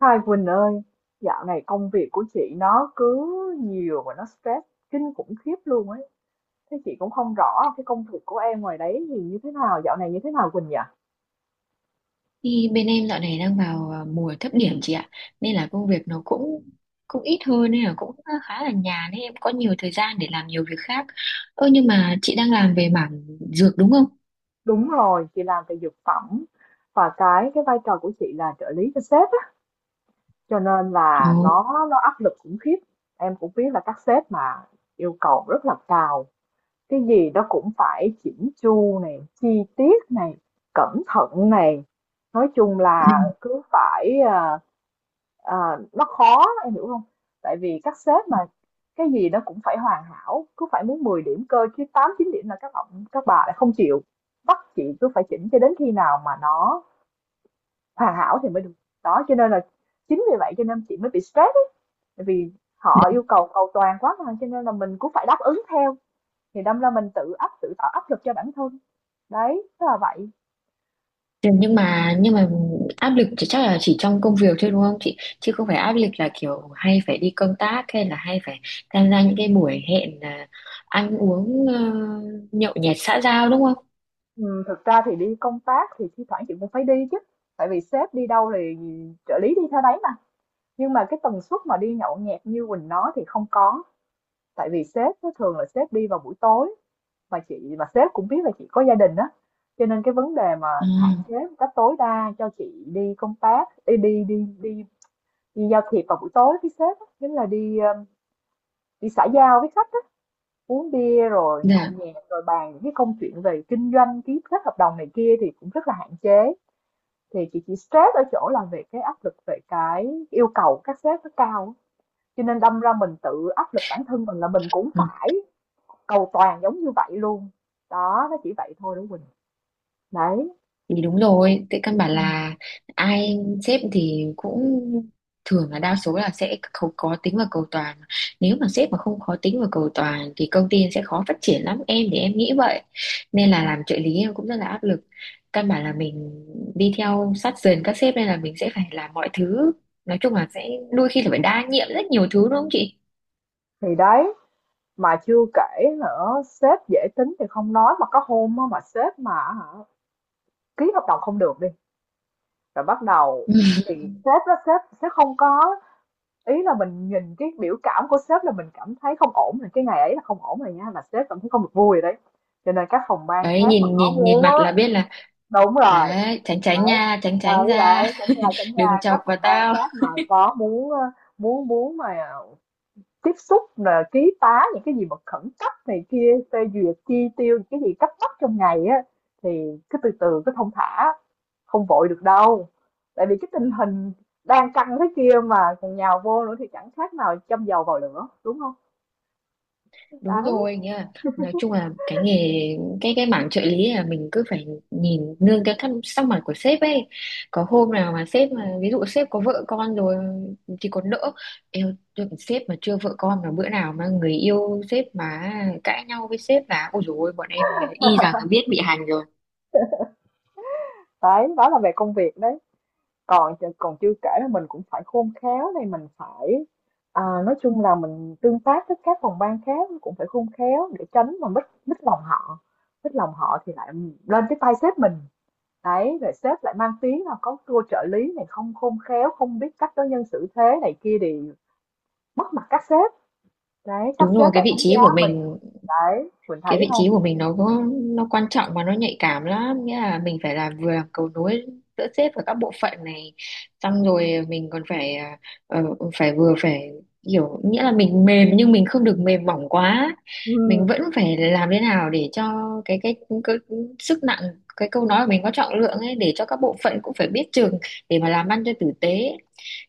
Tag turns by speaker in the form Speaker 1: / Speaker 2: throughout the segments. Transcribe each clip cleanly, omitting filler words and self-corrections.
Speaker 1: Hai Quỳnh ơi, dạo này công việc của chị nó cứ nhiều và nó stress kinh khủng khiếp luôn ấy. Thế chị cũng không rõ cái công việc của em ngoài đấy thì như thế nào, dạo này như thế nào Quỳnh nhỉ?
Speaker 2: Thì bên em dạo này đang vào mùa thấp điểm chị ạ, nên là công việc nó cũng cũng ít hơn, nên là cũng khá là nhàn, nên em có nhiều thời gian để làm nhiều việc khác. Ơ, nhưng mà chị đang làm về mảng dược đúng không?
Speaker 1: Đúng rồi, chị làm về dược phẩm và cái vai trò của chị là trợ lý cho sếp á, cho nên
Speaker 2: Ồ.
Speaker 1: là nó áp lực khủng khiếp. Em cũng biết là các sếp mà yêu cầu rất là cao, cái gì đó cũng phải chỉnh chu này, chi tiết này, cẩn thận này. Nói chung
Speaker 2: Ừ,
Speaker 1: là cứ phải Ờ, nó khó, em hiểu không? Tại vì các sếp mà cái gì nó cũng phải hoàn hảo, cứ phải muốn 10 điểm cơ chứ 8 9 điểm là các ông các bà lại không chịu, bắt chị cứ phải chỉnh cho đến khi nào mà nó hoàn hảo thì mới được. Đó, cho nên là chính vì vậy cho nên chị mới bị stress ấy, tại vì họ yêu cầu cầu toàn quá mà, cho nên là mình cũng phải đáp ứng theo, thì đâm ra mình tự tạo áp lực cho bản thân. Đấy, tức là vậy.
Speaker 2: thế nhưng mà áp lực chắc là chỉ trong công việc thôi đúng không chị, chứ không phải áp lực là kiểu hay phải đi công tác hay phải tham gia những cái buổi hẹn, ăn uống, nhậu nhẹt xã giao đúng không?
Speaker 1: Thực ra thì đi công tác thì thi thoảng chị cũng phải đi chứ, tại vì sếp đi đâu thì trợ lý đi theo đấy mà. Nhưng mà cái tần suất mà đi nhậu nhẹt như Quỳnh nói thì không có. Tại vì sếp nó thường là sếp đi vào buổi tối, và chị và sếp cũng biết là chị có gia đình á. Cho nên cái vấn đề mà
Speaker 2: à,
Speaker 1: hạn chế một cách tối đa cho chị đi công tác, đi đi đi đi, đi giao thiệp vào buổi tối với sếp á, chính là đi đi xã giao với khách á, uống bia rồi nhậu
Speaker 2: dạ,
Speaker 1: nhẹt rồi bàn những cái công chuyện về kinh doanh, ký kết hợp đồng này kia thì cũng rất là hạn chế. Thì chị chỉ stress ở chỗ là về cái áp lực về cái yêu cầu các sếp nó cao á. Cho nên đâm ra mình tự áp lực bản thân mình là mình cũng phải cầu toàn giống như vậy luôn. Đó, nó chỉ vậy thôi đó Quỳnh. Đấy.
Speaker 2: thì đúng rồi, tại căn bản
Speaker 1: Ừ.
Speaker 2: là ai sếp thì cũng thường là đa số là sẽ khó tính và cầu toàn. Nếu mà sếp mà không khó tính và cầu toàn thì công ty sẽ khó phát triển lắm, em thì em nghĩ vậy, nên là làm trợ lý em cũng rất là áp lực. Căn bản là mình đi theo sát sườn các sếp, nên là mình sẽ phải làm mọi thứ, nói chung là sẽ đôi khi là phải đa nhiệm rất nhiều thứ đúng không chị.
Speaker 1: Thì đấy, mà chưa kể nữa sếp dễ tính thì không nói, mà có hôm mà sếp mà ký hợp đồng không được đi rồi bắt đầu thì sếp sẽ không có, ý là mình nhìn cái biểu cảm của sếp là mình cảm thấy không ổn rồi, cái ngày ấy là không ổn rồi nha, là sếp cảm thấy không được vui rồi đấy. Cho nên các phòng ban
Speaker 2: Đấy,
Speaker 1: khác mà
Speaker 2: nhìn
Speaker 1: có
Speaker 2: nhìn nhìn
Speaker 1: muốn
Speaker 2: mặt
Speaker 1: á.
Speaker 2: là biết là.
Speaker 1: Đúng rồi.
Speaker 2: Đấy, tránh tránh
Speaker 1: Đấy,
Speaker 2: nha, tránh
Speaker 1: và
Speaker 2: tránh
Speaker 1: với lại
Speaker 2: ra.
Speaker 1: chẳng là chẳng
Speaker 2: Đừng
Speaker 1: là các
Speaker 2: chọc
Speaker 1: phòng
Speaker 2: vào
Speaker 1: ban
Speaker 2: tao.
Speaker 1: khác mà có muốn muốn muốn mà tiếp xúc là ký tá những cái gì mà khẩn cấp này kia, phê duyệt chi tiêu những cái gì cấp bách trong ngày á, thì cứ từ từ cứ thong thả, không vội được đâu. Tại vì cái tình hình đang căng thế kia mà còn nhào vô nữa thì chẳng khác nào châm dầu vào lửa, đúng không?
Speaker 2: Đúng
Speaker 1: Đấy.
Speaker 2: rồi nha. Nói chung là cái nghề, cái mảng trợ lý là mình cứ phải nhìn nương cái thăm sắc mặt của sếp ấy. Có hôm nào mà sếp mà ví dụ sếp có vợ con rồi thì còn đỡ. Eo, sếp mà chưa vợ con mà bữa nào mà người yêu sếp mà cãi nhau với sếp là ôi dồi ôi, bọn em y rằng là biết bị hành rồi.
Speaker 1: Đấy, đó là về công việc đấy. Còn còn chưa kể là mình cũng phải khôn khéo này, mình phải nói chung là mình tương tác với các phòng ban khác cũng phải khôn khéo để tránh mà mất mất lòng họ. Mất lòng họ thì lại lên cái tay sếp mình. Đấy, rồi sếp lại mang tiếng là có cô trợ lý này không khôn khéo, không biết cách đối nhân xử thế này kia thì mất mặt các sếp. Đấy, các
Speaker 2: Đúng rồi,
Speaker 1: sếp
Speaker 2: cái
Speaker 1: lại
Speaker 2: vị
Speaker 1: đánh
Speaker 2: trí
Speaker 1: giá
Speaker 2: của
Speaker 1: mình.
Speaker 2: mình
Speaker 1: Đấy, mình
Speaker 2: cái
Speaker 1: thấy
Speaker 2: vị trí
Speaker 1: không?
Speaker 2: của mình nó có nó quan trọng và nó nhạy cảm lắm, nghĩa là mình phải là vừa làm cầu nối giữa sếp và các bộ phận này, xong rồi mình còn phải ờ, phải vừa phải hiểu, nghĩa là mình mềm nhưng mình không được mềm mỏng quá.
Speaker 1: Ừ.
Speaker 2: Mình vẫn phải làm thế nào để cho cái cái, cái sức nặng, cái câu nói của mình có trọng lượng ấy, để cho các bộ phận cũng phải biết chừng để mà làm ăn cho tử tế,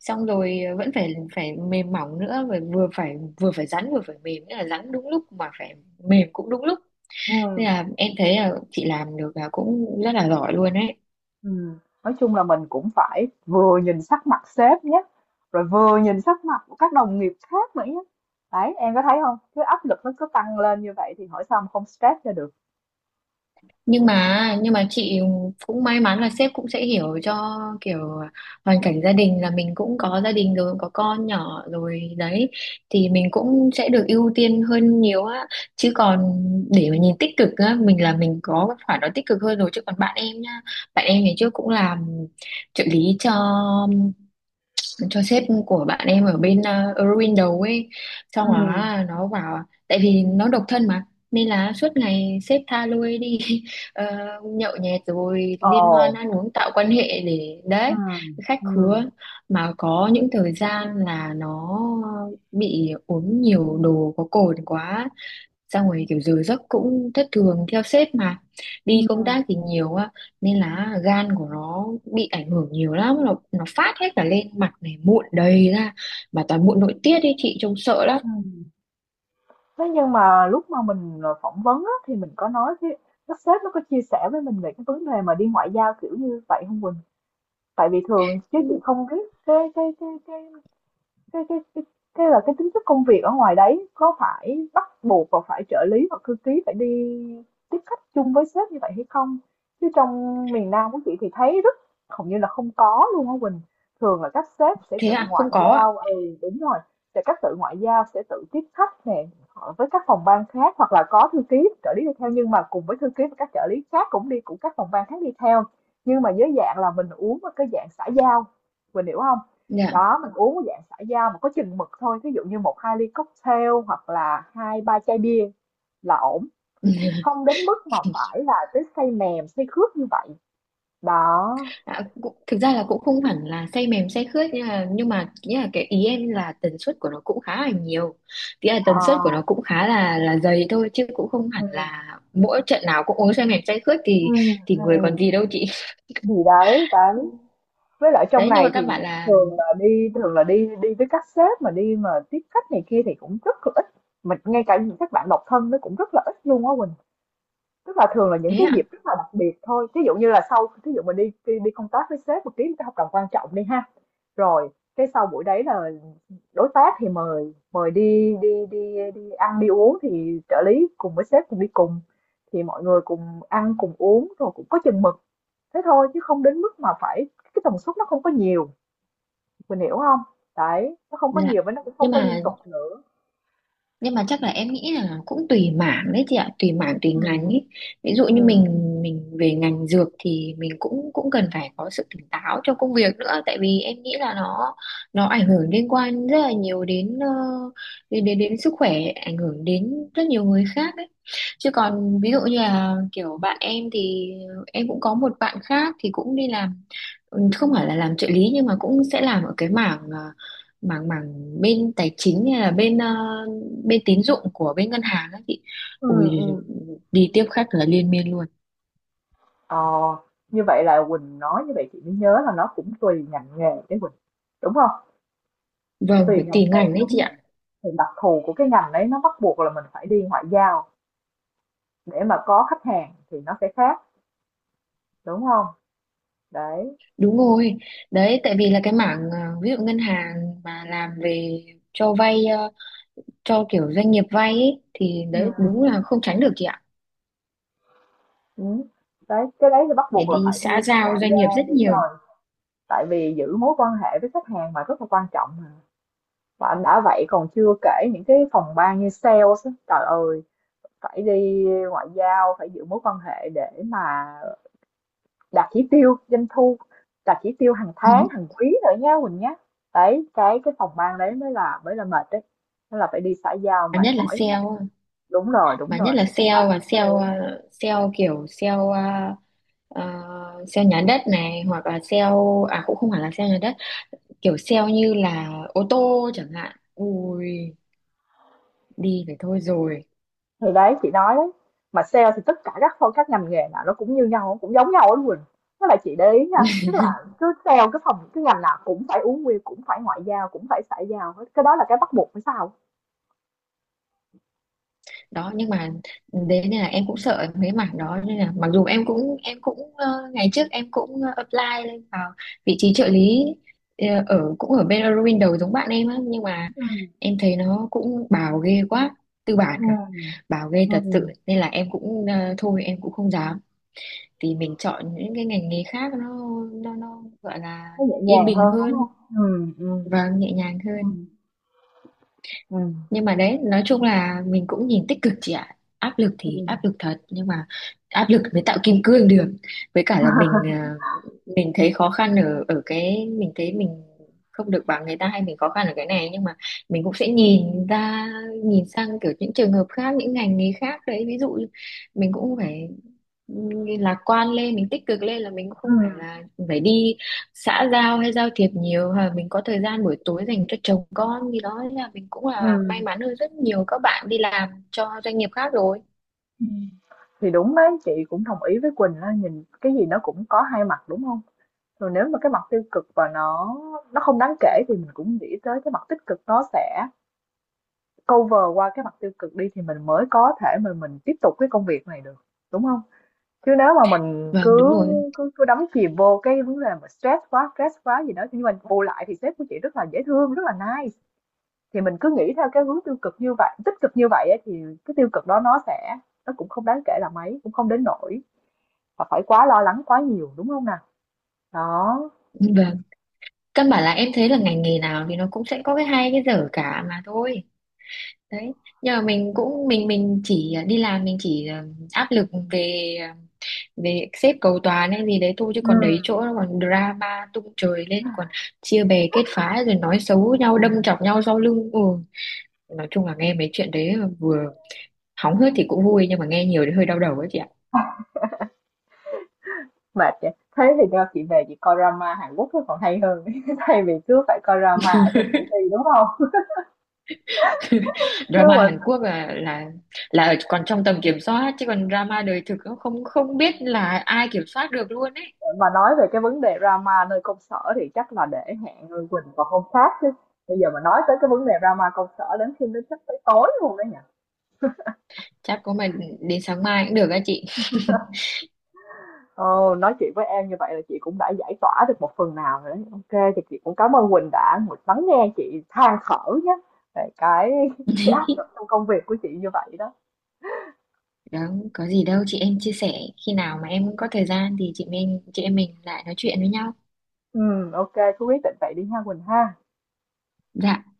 Speaker 2: xong rồi vẫn phải phải mềm mỏng nữa, và vừa phải rắn vừa phải mềm, nghĩa là rắn đúng lúc mà phải mềm cũng đúng lúc.
Speaker 1: Ừ.
Speaker 2: Nên là em thấy là chị làm được là cũng rất là giỏi luôn đấy.
Speaker 1: Nói chung là mình cũng phải vừa nhìn sắc mặt sếp nhé, rồi vừa nhìn sắc mặt của các đồng nghiệp khác nữa nhé. Đấy, em có thấy không? Cái áp lực nó cứ tăng lên như vậy thì hỏi sao mà không stress cho được.
Speaker 2: Nhưng mà chị cũng may mắn là sếp cũng sẽ hiểu cho kiểu hoàn cảnh gia đình, là mình cũng có gia đình rồi có con nhỏ rồi đấy, thì mình cũng sẽ được ưu tiên hơn nhiều á, chứ còn để mà nhìn tích cực á, mình là mình có cái khoản đó tích cực hơn rồi. Chứ còn bạn em nhá, bạn em ngày trước cũng làm trợ lý cho sếp của bạn em ở bên Eurowindow ấy, xong đó
Speaker 1: Ừ.
Speaker 2: là nó bảo tại vì nó độc thân mà, nên là suốt ngày sếp tha lôi đi. ờ, Nhậu nhẹt rồi liên
Speaker 1: Ồ.
Speaker 2: hoan ăn uống tạo quan hệ để
Speaker 1: Ừ.
Speaker 2: đấy, khách
Speaker 1: Ừ.
Speaker 2: khứa, mà có những thời gian là nó bị uống nhiều đồ có cồn quá, xong rồi kiểu giờ giấc cũng thất thường theo sếp mà
Speaker 1: Ừ.
Speaker 2: đi công tác thì nhiều, nên là gan của nó bị ảnh hưởng nhiều lắm, nó phát hết cả lên mặt này, mụn đầy ra, mà toàn mụn nội tiết ấy chị, trông sợ lắm.
Speaker 1: Ừ. Thế nhưng mà lúc mà mình phỏng vấn á, thì mình có nói cái, các sếp nó có chia sẻ với mình về cái vấn đề mà đi ngoại giao kiểu như vậy không Quỳnh? Tại vì thường chứ chị không biết cái Cái cái cái cái là cái tính chất công việc ở ngoài đấy có phải bắt buộc và phải trợ lý hoặc thư ký phải đi tiếp khách chung với sếp như vậy hay không? Chứ trong miền Nam của chị thì thấy rất, hầu như là không có luôn á Quỳnh. Thường là các sếp sẽ
Speaker 2: Thế
Speaker 1: tự
Speaker 2: à,
Speaker 1: ngoại
Speaker 2: không có ạ.
Speaker 1: giao, ừ đúng rồi, sẽ các tự ngoại giao sẽ tự tiếp khách nè họ với các phòng ban khác, hoặc là có thư ký trợ lý đi theo nhưng mà cùng với thư ký và các trợ lý khác cũng đi, cũng các phòng ban khác đi theo, nhưng mà dưới dạng là mình uống ở cái dạng xã giao, mình hiểu không?
Speaker 2: Dạ.
Speaker 1: Đó, mình uống cái dạng xã giao mà có chừng mực thôi, ví dụ như một hai ly cocktail hoặc là hai ba chai bia là ổn, không đến mức mà phải là tới say mềm say khướt như vậy. Đó.
Speaker 2: À, thực ra là cũng không hẳn là say mềm say khướt, nhưng mà ý là cái ý em là tần suất của nó cũng khá là nhiều, nghĩa là tần suất của
Speaker 1: À,
Speaker 2: nó cũng khá là dày thôi, chứ cũng không
Speaker 1: ừ,
Speaker 2: hẳn là mỗi trận nào cũng uống say mềm say khướt,
Speaker 1: ừ,
Speaker 2: thì
Speaker 1: ừ.
Speaker 2: người còn gì đâu chị.
Speaker 1: Gì đấy đấy. Với lại trong
Speaker 2: Đấy, nhưng
Speaker 1: này
Speaker 2: mà các
Speaker 1: thì
Speaker 2: bạn là.
Speaker 1: thường là đi đi với các sếp mà đi mà tiếp khách này kia thì cũng rất là ít, mình ngay cả những các bạn độc thân nó cũng rất là ít luôn á Quỳnh. Tức là thường là những
Speaker 2: Thế
Speaker 1: cái
Speaker 2: ạ.
Speaker 1: dịp rất là đặc biệt thôi, ví dụ như là sau, ví dụ mình đi đi đi công tác với sếp mình ký một cái hợp đồng quan trọng đi ha, rồi cái sau buổi đấy là đối tác thì mời mời đi đi đi đi ăn đi uống thì trợ lý cùng với sếp cùng đi cùng, thì mọi người cùng ăn cùng uống rồi cũng có chừng mực, thế thôi chứ không đến mức mà phải, cái tần suất nó không có nhiều, mình hiểu không? Đấy, nó không có
Speaker 2: Dạ.
Speaker 1: nhiều và nó cũng
Speaker 2: nhưng
Speaker 1: không có liên
Speaker 2: mà
Speaker 1: tục nữa.
Speaker 2: nhưng mà chắc là em nghĩ là cũng tùy mảng đấy chị ạ, tùy mảng tùy ngành
Speaker 1: Ừ.
Speaker 2: ấy. Ví dụ
Speaker 1: Ừ.
Speaker 2: như mình về ngành dược thì mình cũng cũng cần phải có sự tỉnh táo trong công việc nữa, tại vì em nghĩ là nó ảnh hưởng liên quan rất là nhiều đến sức khỏe, ảnh hưởng đến rất nhiều người khác ấy. Chứ còn ví dụ như là kiểu bạn em thì em cũng có một bạn khác thì cũng đi làm, không phải là làm trợ lý nhưng mà cũng sẽ làm ở cái mảng, mảng bên tài chính, hay là bên bên tín dụng của bên ngân hàng ấy chị.
Speaker 1: Ừ.
Speaker 2: Ui,
Speaker 1: Ừ.
Speaker 2: đi tiếp khách là liên miên luôn.
Speaker 1: Ờ, như vậy là Quỳnh nói như vậy chị mới nhớ là nó cũng tùy ngành nghề đấy Quỳnh, đúng không?
Speaker 2: Vâng,
Speaker 1: Tùy,
Speaker 2: phải
Speaker 1: dạ, ngành
Speaker 2: tùy
Speaker 1: nghề
Speaker 2: ngành đấy
Speaker 1: đúng
Speaker 2: chị ạ.
Speaker 1: rồi, thì đặc thù của cái ngành đấy nó bắt buộc là mình phải đi ngoại giao để mà có khách hàng thì nó sẽ khác, đúng không? Đấy.
Speaker 2: Đúng rồi, đấy tại vì là cái mảng, ví dụ ngân hàng mà làm về cho vay, cho kiểu doanh nghiệp vay ấy, thì
Speaker 1: Ừ.
Speaker 2: đấy đúng là không tránh được chị ạ,
Speaker 1: Ừ. Đấy cái đấy thì bắt
Speaker 2: để
Speaker 1: buộc là
Speaker 2: đi
Speaker 1: phải
Speaker 2: xã
Speaker 1: đi
Speaker 2: giao
Speaker 1: ngoại
Speaker 2: doanh nghiệp
Speaker 1: giao,
Speaker 2: rất
Speaker 1: đúng
Speaker 2: nhiều.
Speaker 1: rồi. Tại vì giữ mối quan hệ với khách hàng mà rất là quan trọng mà, và đã vậy còn chưa kể những cái phòng ban như sales á, trời ơi, phải đi ngoại giao, phải giữ mối quan hệ để mà đạt chỉ tiêu doanh thu, đạt chỉ tiêu hàng tháng hàng quý nữa nha Quỳnh nhé. Đấy, cái phòng ban đấy mới là mệt đấy, nó là phải đi xã giao
Speaker 2: mà
Speaker 1: mệt
Speaker 2: nhất là
Speaker 1: mỏi lắm đó.
Speaker 2: sale
Speaker 1: Đúng rồi, đúng
Speaker 2: mà
Speaker 1: rồi
Speaker 2: nhất là
Speaker 1: đấy, các bạn
Speaker 2: sale và
Speaker 1: đúng
Speaker 2: sale,
Speaker 1: rồi.
Speaker 2: sale kiểu sale, ờ, sale nhà đất này, hoặc là sale, cũng không hẳn là sale nhà đất, kiểu sale như là ô tô chẳng hạn. Ui, đi phải thôi rồi.
Speaker 1: Thì đấy chị nói đấy, mà sale thì tất cả các phong các ngành nghề nào nó cũng như nhau cũng giống nhau đó Quỳnh. Tức là chị để ý nha, tức là cứ sale cái phòng cái ngành nào cũng phải uống bia cũng phải ngoại giao cũng phải xã giao hết, cái đó là cái bắt buộc phải sao.
Speaker 2: Đó, nhưng mà đấy nên là em cũng sợ mấy mảng đó, nên là mặc dù em cũng ngày trước em cũng apply lên vào vị trí trợ lý, cũng ở bên Eurowindow giống bạn em á, nhưng mà
Speaker 1: Ừ.
Speaker 2: em thấy nó cũng bào ghê quá, tư bản à,
Speaker 1: Ừ.
Speaker 2: bào ghê thật sự,
Speaker 1: Ừ.
Speaker 2: nên là em cũng thôi em cũng không dám, thì mình chọn những cái ngành nghề khác, nó gọi là
Speaker 1: Nó nhẹ
Speaker 2: yên
Speaker 1: nhàng
Speaker 2: bình
Speaker 1: hơn đúng
Speaker 2: hơn
Speaker 1: không. Ừ. Ừ.
Speaker 2: và nhẹ nhàng
Speaker 1: Ừ.
Speaker 2: hơn. Nhưng mà đấy, nói chung là mình cũng nhìn tích cực chị ạ, áp lực
Speaker 1: Ừ.
Speaker 2: thì áp lực thật, nhưng mà áp lực mới tạo kim cương được. Với cả là mình thấy khó khăn ở ở cái mình thấy mình không được bằng người ta, hay mình khó khăn ở cái này, nhưng mà mình cũng sẽ nhìn ra nhìn sang kiểu những trường hợp khác, những ngành nghề khác đấy. Ví dụ mình cũng phải ừ, lạc quan lên, mình tích cực lên là mình cũng không phải
Speaker 1: Ừm,
Speaker 2: là phải đi xã giao hay giao thiệp nhiều, hoặc là mình có thời gian buổi tối dành cho chồng con, thì đó là mình cũng là may
Speaker 1: ừm.
Speaker 2: mắn hơn rất nhiều các bạn đi làm cho doanh nghiệp khác rồi.
Speaker 1: Ừm. Thì đúng đấy, chị cũng đồng ý với Quỳnh á, nhìn cái gì nó cũng có hai mặt, đúng không? Rồi nếu mà cái mặt tiêu cực và nó không đáng kể thì mình cũng nghĩ tới cái mặt tích cực nó sẽ cover qua cái mặt tiêu cực đi thì mình mới có thể mà mình tiếp tục cái công việc này được, đúng không? Chứ nếu mà mình
Speaker 2: Vâng, đúng
Speaker 1: cứ
Speaker 2: rồi.
Speaker 1: cứ cứ đắm chìm vô cái vấn đề mà stress quá gì đó, nhưng mà bù lại thì sếp của chị rất là dễ thương, rất là nice. Thì mình cứ nghĩ theo cái hướng tiêu cực như vậy tích cực như vậy á thì cái tiêu cực đó nó sẽ, nó cũng không đáng kể là mấy, cũng không đến nỗi mà phải quá lo lắng quá nhiều, đúng không nào? Đó.
Speaker 2: Vâng, căn bản là em thấy là ngành nghề nào thì nó cũng sẽ có cái hay cái dở cả mà thôi đấy. Nhưng mà mình chỉ đi làm, mình chỉ áp lực về về xếp cầu toàn hay gì đấy thôi, chứ còn đấy chỗ
Speaker 1: Ừm.
Speaker 2: nó còn drama tung trời lên, còn chia bè kết phái rồi nói xấu nhau đâm
Speaker 1: Ừm,
Speaker 2: chọc nhau sau lưng. Ừ, nói chung là nghe mấy chuyện đấy vừa hóng hớt thì cũng vui, nhưng mà nghe nhiều thì hơi đau đầu ấy chị ạ.
Speaker 1: mệt vậy. Thế thì do chị về chị coi drama Hàn Quốc nó còn hay hơn thay vì cứ phải coi drama ở trong công ty, đúng không? Chứ
Speaker 2: Drama Hàn
Speaker 1: mà
Speaker 2: Quốc là còn trong tầm kiểm soát, chứ còn drama đời thực nó không không biết là ai kiểm soát được luôn ấy.
Speaker 1: nói về cái vấn đề drama nơi công sở thì chắc là để hẹn người Quỳnh vào hôm khác chứ. Bây giờ mà nói tới cái vấn đề drama công sở đến khi nó chắc tới tối luôn đấy nhỉ?
Speaker 2: Chắc có mà đến sáng mai cũng được á chị.
Speaker 1: Ồ, nói chuyện với em như vậy là chị cũng đã giải tỏa được một phần nào rồi đấy. Ok, thì chị cũng cảm ơn Quỳnh đã một lắng nghe chị than thở nhé, về cái cái áp lực trong công việc của chị như vậy đó.
Speaker 2: Đó, có gì đâu chị, em chia sẻ. Khi nào mà em có thời gian thì chị em mình lại nói chuyện với nhau.
Speaker 1: Ừ, ok, cứ quyết định vậy đi ha Quỳnh ha.
Speaker 2: Dạ.